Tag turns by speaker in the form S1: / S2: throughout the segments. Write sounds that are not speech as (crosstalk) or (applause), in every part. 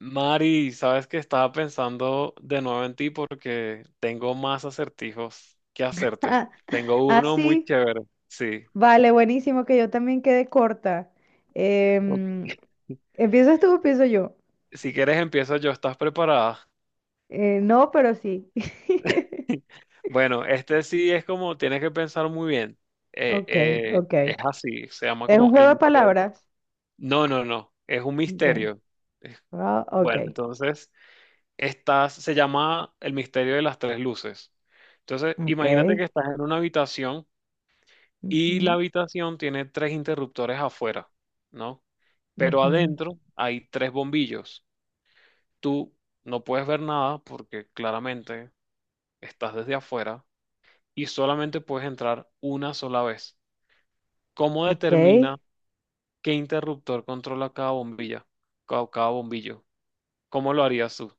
S1: Mari, sabes que estaba pensando de nuevo en ti porque tengo más acertijos que
S2: (laughs)
S1: hacerte.
S2: Ah,
S1: Tengo
S2: ah,
S1: uno muy
S2: sí.
S1: chévere. Sí.
S2: Vale, buenísimo, que yo también quede corta.
S1: Ok.
S2: Em, ¿Empiezas tú o empiezo yo?
S1: Si quieres empiezo yo, ¿estás preparada?
S2: No, pero sí. (laughs)
S1: (laughs) Bueno, este sí es como, tienes que pensar muy bien.
S2: Ok, ok.
S1: Es así, se llama
S2: ¿Es un
S1: como
S2: juego
S1: el...
S2: de
S1: mis-
S2: palabras?
S1: No, no, no, es un
S2: Ok.
S1: misterio. Es-
S2: Ah, ok,
S1: Bueno, entonces, estás, se llama el misterio de las tres luces. Entonces,
S2: ok.
S1: imagínate que estás en una habitación. Y la
S2: Ujú,
S1: habitación tiene tres interruptores afuera, ¿no? Pero
S2: ujú.
S1: adentro hay tres bombillos. Tú no puedes ver nada porque claramente estás desde afuera y solamente puedes entrar una sola vez. ¿Cómo
S2: Ok,
S1: determina qué interruptor controla cada bombilla, cada bombillo? ¿Cómo lo harías tú?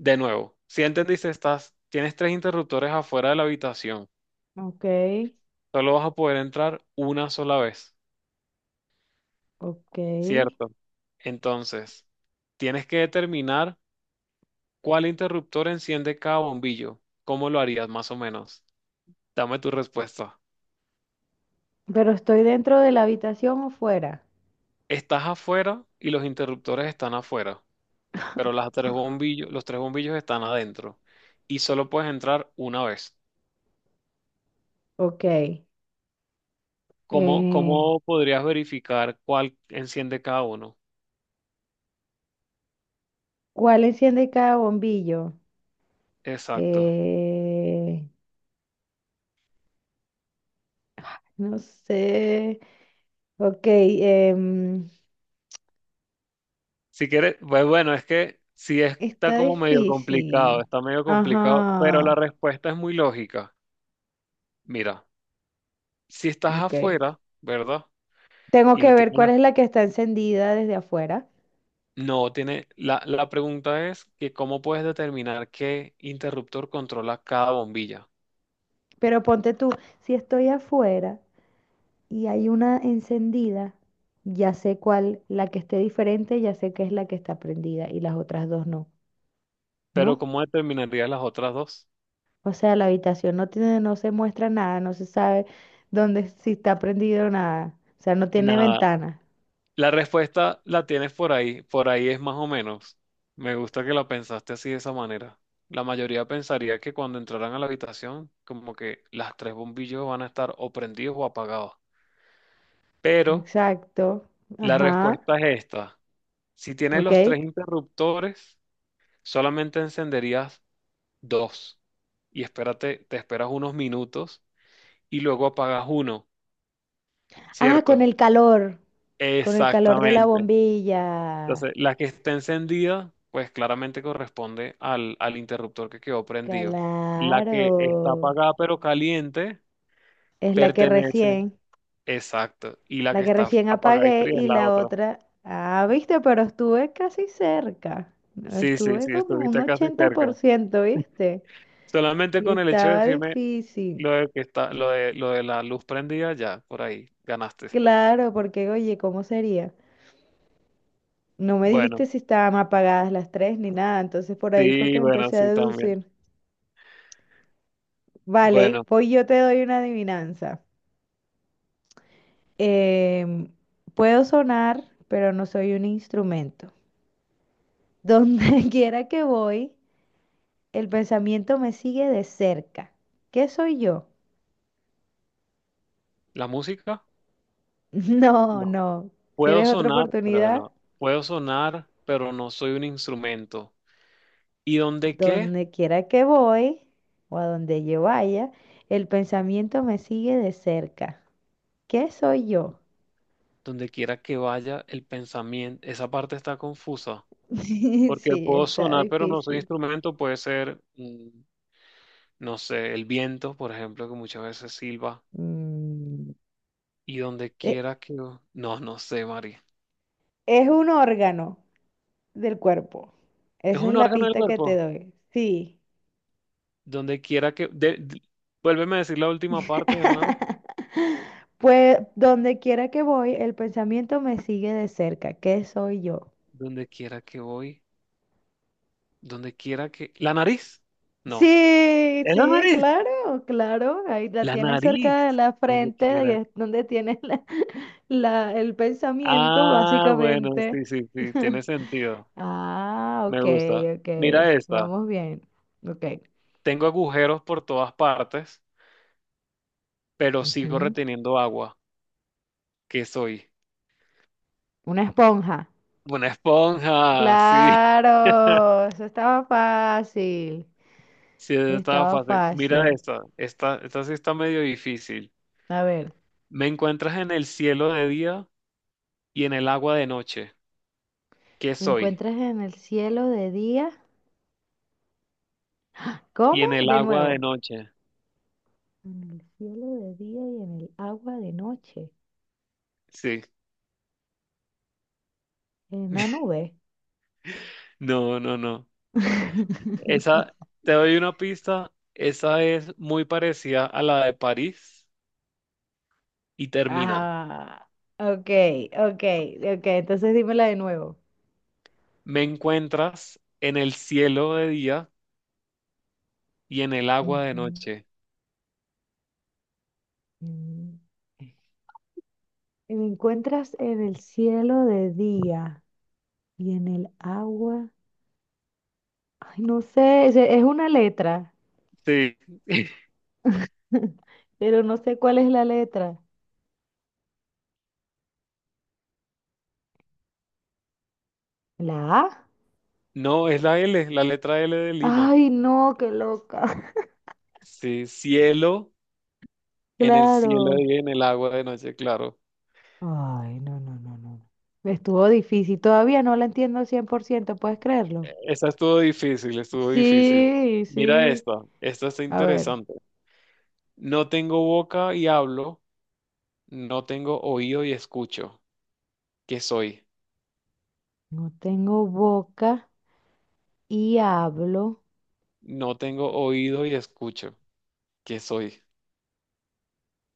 S1: De nuevo, si entendiste, estás, tienes tres interruptores afuera de la habitación.
S2: ok,
S1: Solo vas a poder entrar una sola vez.
S2: ok.
S1: Cierto. Entonces, tienes que determinar cuál interruptor enciende cada bombillo. ¿Cómo lo harías más o menos? Dame tu respuesta.
S2: Pero ¿estoy dentro de la habitación o fuera?
S1: Estás afuera y los interruptores están afuera, pero las tres bombillos, los tres bombillos están adentro y solo puedes entrar una vez.
S2: Ok.
S1: ¿Cómo,
S2: Eh,
S1: cómo podrías verificar cuál enciende cada uno?
S2: ¿Cuál enciende cada bombillo?
S1: Exacto.
S2: Eh, no sé. Ok,
S1: Si quieres, pues bueno, es que sí está
S2: está
S1: como medio complicado,
S2: difícil.
S1: está medio complicado, pero la
S2: Ajá,
S1: respuesta es muy lógica. Mira, si estás
S2: ok.
S1: afuera, ¿verdad?
S2: Tengo
S1: Y
S2: que
S1: le
S2: ver
S1: tienen
S2: cuál
S1: la-
S2: es la que está encendida desde afuera.
S1: No, tiene... La pregunta es que cómo puedes determinar qué interruptor controla cada bombilla.
S2: Pero ponte tú, si estoy afuera y hay una encendida, ya sé cuál, la que esté diferente, ya sé que es la que está prendida y las otras dos no,
S1: Pero
S2: ¿no?
S1: ¿cómo determinarías las otras dos?
S2: O sea, la habitación no tiene, no se muestra nada, no se sabe dónde, si está prendido o nada. O sea, no tiene
S1: Nada.
S2: ventana.
S1: La respuesta la tienes por ahí. Por ahí es más o menos. Me gusta que la pensaste así de esa manera. La mayoría pensaría que cuando entraran a la habitación, como que las tres bombillas van a estar o prendidos o apagados. Pero
S2: Exacto.
S1: la
S2: Ajá,
S1: respuesta es esta. Si tienes
S2: ok.
S1: los tres interruptores, solamente encenderías dos y espérate, te esperas unos minutos y luego apagas uno,
S2: Ah,
S1: ¿cierto?
S2: con el calor de la
S1: Exactamente.
S2: bombilla.
S1: Entonces, la que está encendida, pues claramente corresponde al interruptor que quedó prendido. La que está
S2: Claro.
S1: apagada pero caliente
S2: Es
S1: pertenece. Exacto. Y la
S2: la
S1: que
S2: que
S1: está
S2: recién
S1: apagada y
S2: apagué
S1: fría es
S2: y
S1: la
S2: la
S1: otra.
S2: otra. Ah, viste, pero estuve casi cerca. No,
S1: Sí, sí,
S2: estuve
S1: sí,
S2: como un
S1: estuviste casi
S2: ochenta por
S1: cerca.
S2: ciento, ¿viste?
S1: Solamente
S2: Y
S1: con el hecho de
S2: estaba
S1: decirme
S2: difícil.
S1: lo de que está, lo de la luz prendida, ya, por ahí, ganaste.
S2: Claro, porque oye, ¿cómo sería? No me dijiste
S1: Bueno,
S2: si estaban apagadas las tres ni nada, entonces por ahí fue que
S1: sí, bueno,
S2: empecé a
S1: sí también.
S2: deducir. Vale,
S1: Bueno,
S2: pues yo te doy una adivinanza. Em, Puedo sonar, pero no soy un instrumento. Donde (laughs) quiera que voy, el pensamiento me sigue de cerca. ¿Qué soy yo?
S1: la música,
S2: (laughs) No,
S1: no.
S2: no.
S1: Puedo
S2: ¿Quieres otra
S1: sonar, pero
S2: oportunidad?
S1: no. Puedo sonar, pero no soy un instrumento. ¿Y dónde qué?
S2: Donde quiera que voy o a donde yo vaya, el pensamiento me sigue de cerca. ¿Qué soy yo?
S1: Donde quiera que vaya el pensamiento, esa parte está confusa.
S2: (laughs)
S1: Porque
S2: Sí,
S1: puedo
S2: está
S1: sonar, pero no soy
S2: difícil.
S1: instrumento, puede ser, no sé, el viento, por ejemplo, que muchas veces silba.
S2: Mm,
S1: Y donde
S2: e-
S1: quiera que... No, no sé, Mari.
S2: es un órgano del cuerpo.
S1: ¿Es
S2: Esa es
S1: un
S2: la
S1: órgano del
S2: pista que te
S1: cuerpo?
S2: doy. Sí.
S1: Donde quiera que... de- Vuélveme a decir la última parte de nuevo.
S2: (laughs) Pues donde quiera que voy, el pensamiento me sigue de cerca. ¿Qué soy yo?
S1: Donde quiera que voy, donde quiera que... ¿La nariz? No.
S2: Sí,
S1: ¿Es la
S2: sí,
S1: nariz?
S2: claro, claro. Ahí la
S1: La
S2: tienes
S1: nariz.
S2: cerca de la
S1: Donde
S2: frente,
S1: quiera.
S2: de- es donde tienes la- (laughs) la- el pensamiento,
S1: Ah, bueno,
S2: básicamente.
S1: sí, sí, sí, tiene
S2: (laughs)
S1: sentido.
S2: Ah,
S1: Me
S2: ok,
S1: gusta.
S2: ok.
S1: Mira esta.
S2: Vamos bien. Ok.
S1: Tengo agujeros por todas partes, pero sigo
S2: Ujú.
S1: reteniendo agua. ¿Qué soy?
S2: Una esponja.
S1: Una esponja, (laughs) sí.
S2: Claro, eso estaba fácil.
S1: Sí, esa estaba
S2: Estaba
S1: fácil. Mira
S2: fácil.
S1: esta. Esta sí está medio difícil.
S2: A ver,
S1: Me encuentras en el cielo de día y en el agua de noche. ¿Qué
S2: ¿me
S1: soy?
S2: encuentras en el cielo de día?
S1: Y
S2: ¿Cómo?
S1: en el
S2: De
S1: agua de
S2: nuevo.
S1: noche.
S2: En el cielo de día y en el agua de noche.
S1: Sí.
S2: En una
S1: (laughs)
S2: nube.
S1: No, no, no. Esa,
S2: (laughs)
S1: te doy una pista. Esa es muy parecida a la de París y termina.
S2: Ah, ok, ok, ok. Entonces dímela de nuevo.
S1: Me encuentras en el cielo de día y en el agua de
S2: Ujú,
S1: noche.
S2: ujú. Me encuentras en el cielo de día y en el agua. Ay, no sé, es una letra.
S1: Sí. (laughs)
S2: (laughs) Pero no sé cuál es la letra. ¿La A?
S1: No, es la L, la letra L de Lima.
S2: Ay, no, qué loca. (laughs)
S1: Sí, cielo, en el cielo de
S2: Claro.
S1: día y en el agua de noche, claro.
S2: Ay, no, no, no, no. Estuvo difícil. Todavía no la entiendo al 100%. ¿Puedes creerlo?
S1: Esa estuvo difícil, estuvo difícil.
S2: Sí,
S1: Mira
S2: sí.
S1: esta, esta está
S2: A ver,
S1: interesante. No tengo boca y hablo. No tengo oído y escucho. ¿Qué soy?
S2: no tengo boca y hablo.
S1: No tengo oído y escucho. ¿Qué soy?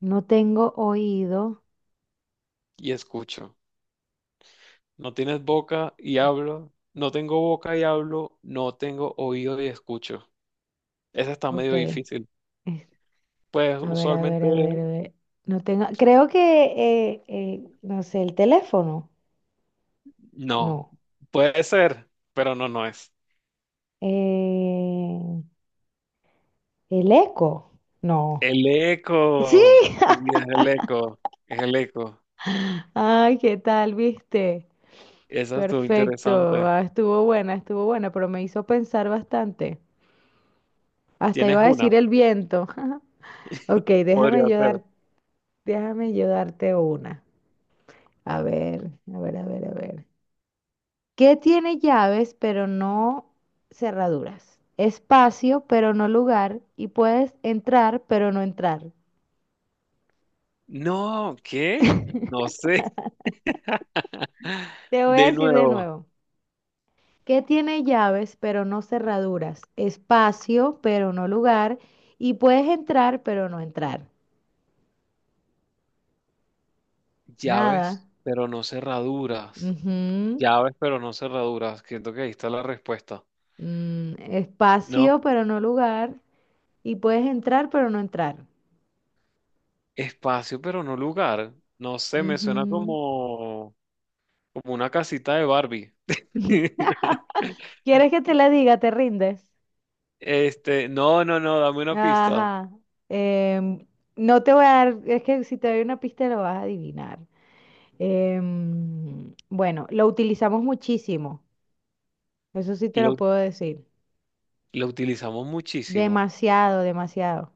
S2: No tengo oído.
S1: Y escucho. No tienes boca y hablo. No tengo boca y hablo. No tengo oído y escucho. Esa está
S2: Ok,
S1: medio difícil. Pues
S2: a ver, a ver,
S1: usualmente
S2: a ver, a ver. No tengo. Creo que, no sé, el teléfono.
S1: no.
S2: No.
S1: Puede ser, pero no, no es.
S2: Eh, ¿El eco? No.
S1: El
S2: Sí.
S1: eco. Sí, es el eco. Es el eco.
S2: Ay, ¿qué tal, viste?
S1: Esa estuvo
S2: Perfecto.
S1: interesante.
S2: Ah, estuvo buena, pero me hizo pensar bastante. Hasta
S1: ¿Tienes
S2: iba a
S1: una?
S2: decir el viento. (laughs) Ok,
S1: Podría
S2: déjame yo
S1: ser.
S2: dar, déjame yo darte una. A ver, a ver, a ver, a ver. ¿Qué tiene llaves pero no cerraduras? Espacio pero no lugar y puedes entrar pero no entrar.
S1: No, ¿qué? No sé. (laughs)
S2: Te voy a
S1: De
S2: decir de
S1: nuevo,
S2: nuevo. Que tiene llaves pero no cerraduras, espacio pero no lugar, y puedes entrar pero no entrar. Nada.
S1: llaves, pero no cerraduras.
S2: Ujú.
S1: Llaves, pero no cerraduras. Siento que ahí está la respuesta.
S2: Mm,
S1: No,
S2: espacio pero no lugar, y puedes entrar pero no entrar.
S1: espacio, pero no lugar. No sé, me suena
S2: Ujú.
S1: como, como una casita de Barbie.
S2: (laughs)
S1: (laughs)
S2: ¿Quieres que te la diga? ¿Te rindes?
S1: Este, no, no, no, dame una pista.
S2: Ajá. Em, no te voy a dar, es que si te doy una pista lo vas a adivinar. Bueno, lo utilizamos muchísimo, eso sí te lo
S1: Lo,
S2: puedo decir.
S1: lo utilizamos muchísimo.
S2: Demasiado, demasiado.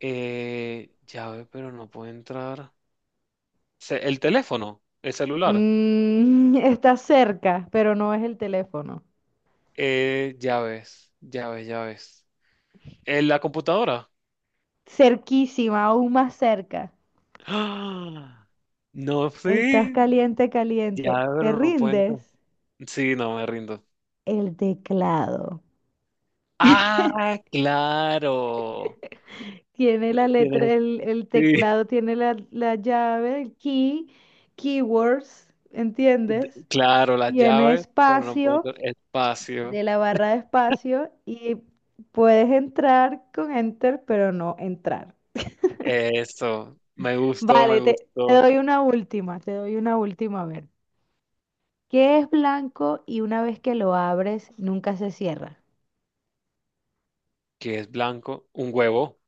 S1: Llave, pero no puede entrar. Se- El teléfono, el celular.
S2: Mm, (laughs) está cerca, pero no es el teléfono.
S1: Llaves en la computadora.
S2: Cerquísima, aún más cerca.
S1: ¡Ah! No,
S2: Estás
S1: sí,
S2: caliente,
S1: ya,
S2: caliente. ¿Te
S1: pero no cuenta.
S2: rindes?
S1: Sí, no me rindo.
S2: El teclado.
S1: Ah, claro.
S2: Tiene la letra,
S1: Tienes,
S2: el
S1: sí,
S2: teclado tiene la llave, el key, keywords, ¿entiendes?
S1: (laughs) claro, las
S2: Tiene
S1: llaves, pero no
S2: espacio
S1: cuento espacio.
S2: de la barra de espacio y puedes entrar con enter, pero no entrar.
S1: Eso, me gustó,
S2: Vale,
S1: me
S2: te
S1: gustó.
S2: doy una última, te doy una última, a ver. ¿Qué es blanco y una vez que lo abres, nunca se cierra?
S1: ¿Qué es blanco? Un huevo,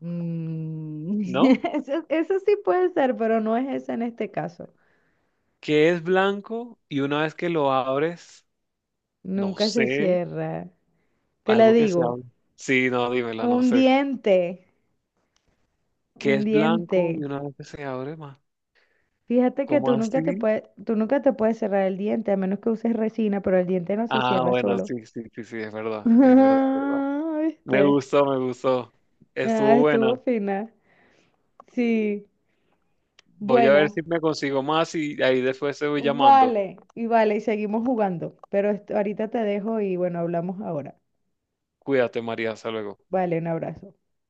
S2: Mm,
S1: ¿no?
S2: (laughs) eso sí puede ser, pero no es esa en este caso.
S1: ¿Qué es blanco? Y una vez que lo abres, no
S2: Nunca se
S1: sé,
S2: cierra. Te la
S1: algo que se
S2: digo,
S1: abre. Sí, no, dímela, no
S2: un
S1: sé.
S2: diente,
S1: ¿Qué
S2: un
S1: es blanco
S2: diente.
S1: y una vez que se abre, más?
S2: Fíjate que
S1: ¿Cómo
S2: tú nunca te
S1: así?
S2: puedes, tú nunca te puedes cerrar el diente, a menos que uses resina, pero el diente no se
S1: Ah,
S2: cierra
S1: bueno,
S2: solo.
S1: sí, sí, sí, sí, es
S2: (laughs)
S1: verdad, es verdad, es verdad.
S2: Ah,
S1: Me
S2: ¿viste?
S1: gustó, me gustó.
S2: Ah,
S1: Estuvo
S2: estuvo
S1: buena.
S2: fina. Sí.
S1: Voy a ver
S2: Bueno.
S1: si me consigo más y ahí después te voy llamando.
S2: Vale, y vale, y seguimos jugando. Pero esto- ahorita te dejo y bueno, hablamos ahora.
S1: Cuídate, María, hasta luego.
S2: Vale, un abrazo.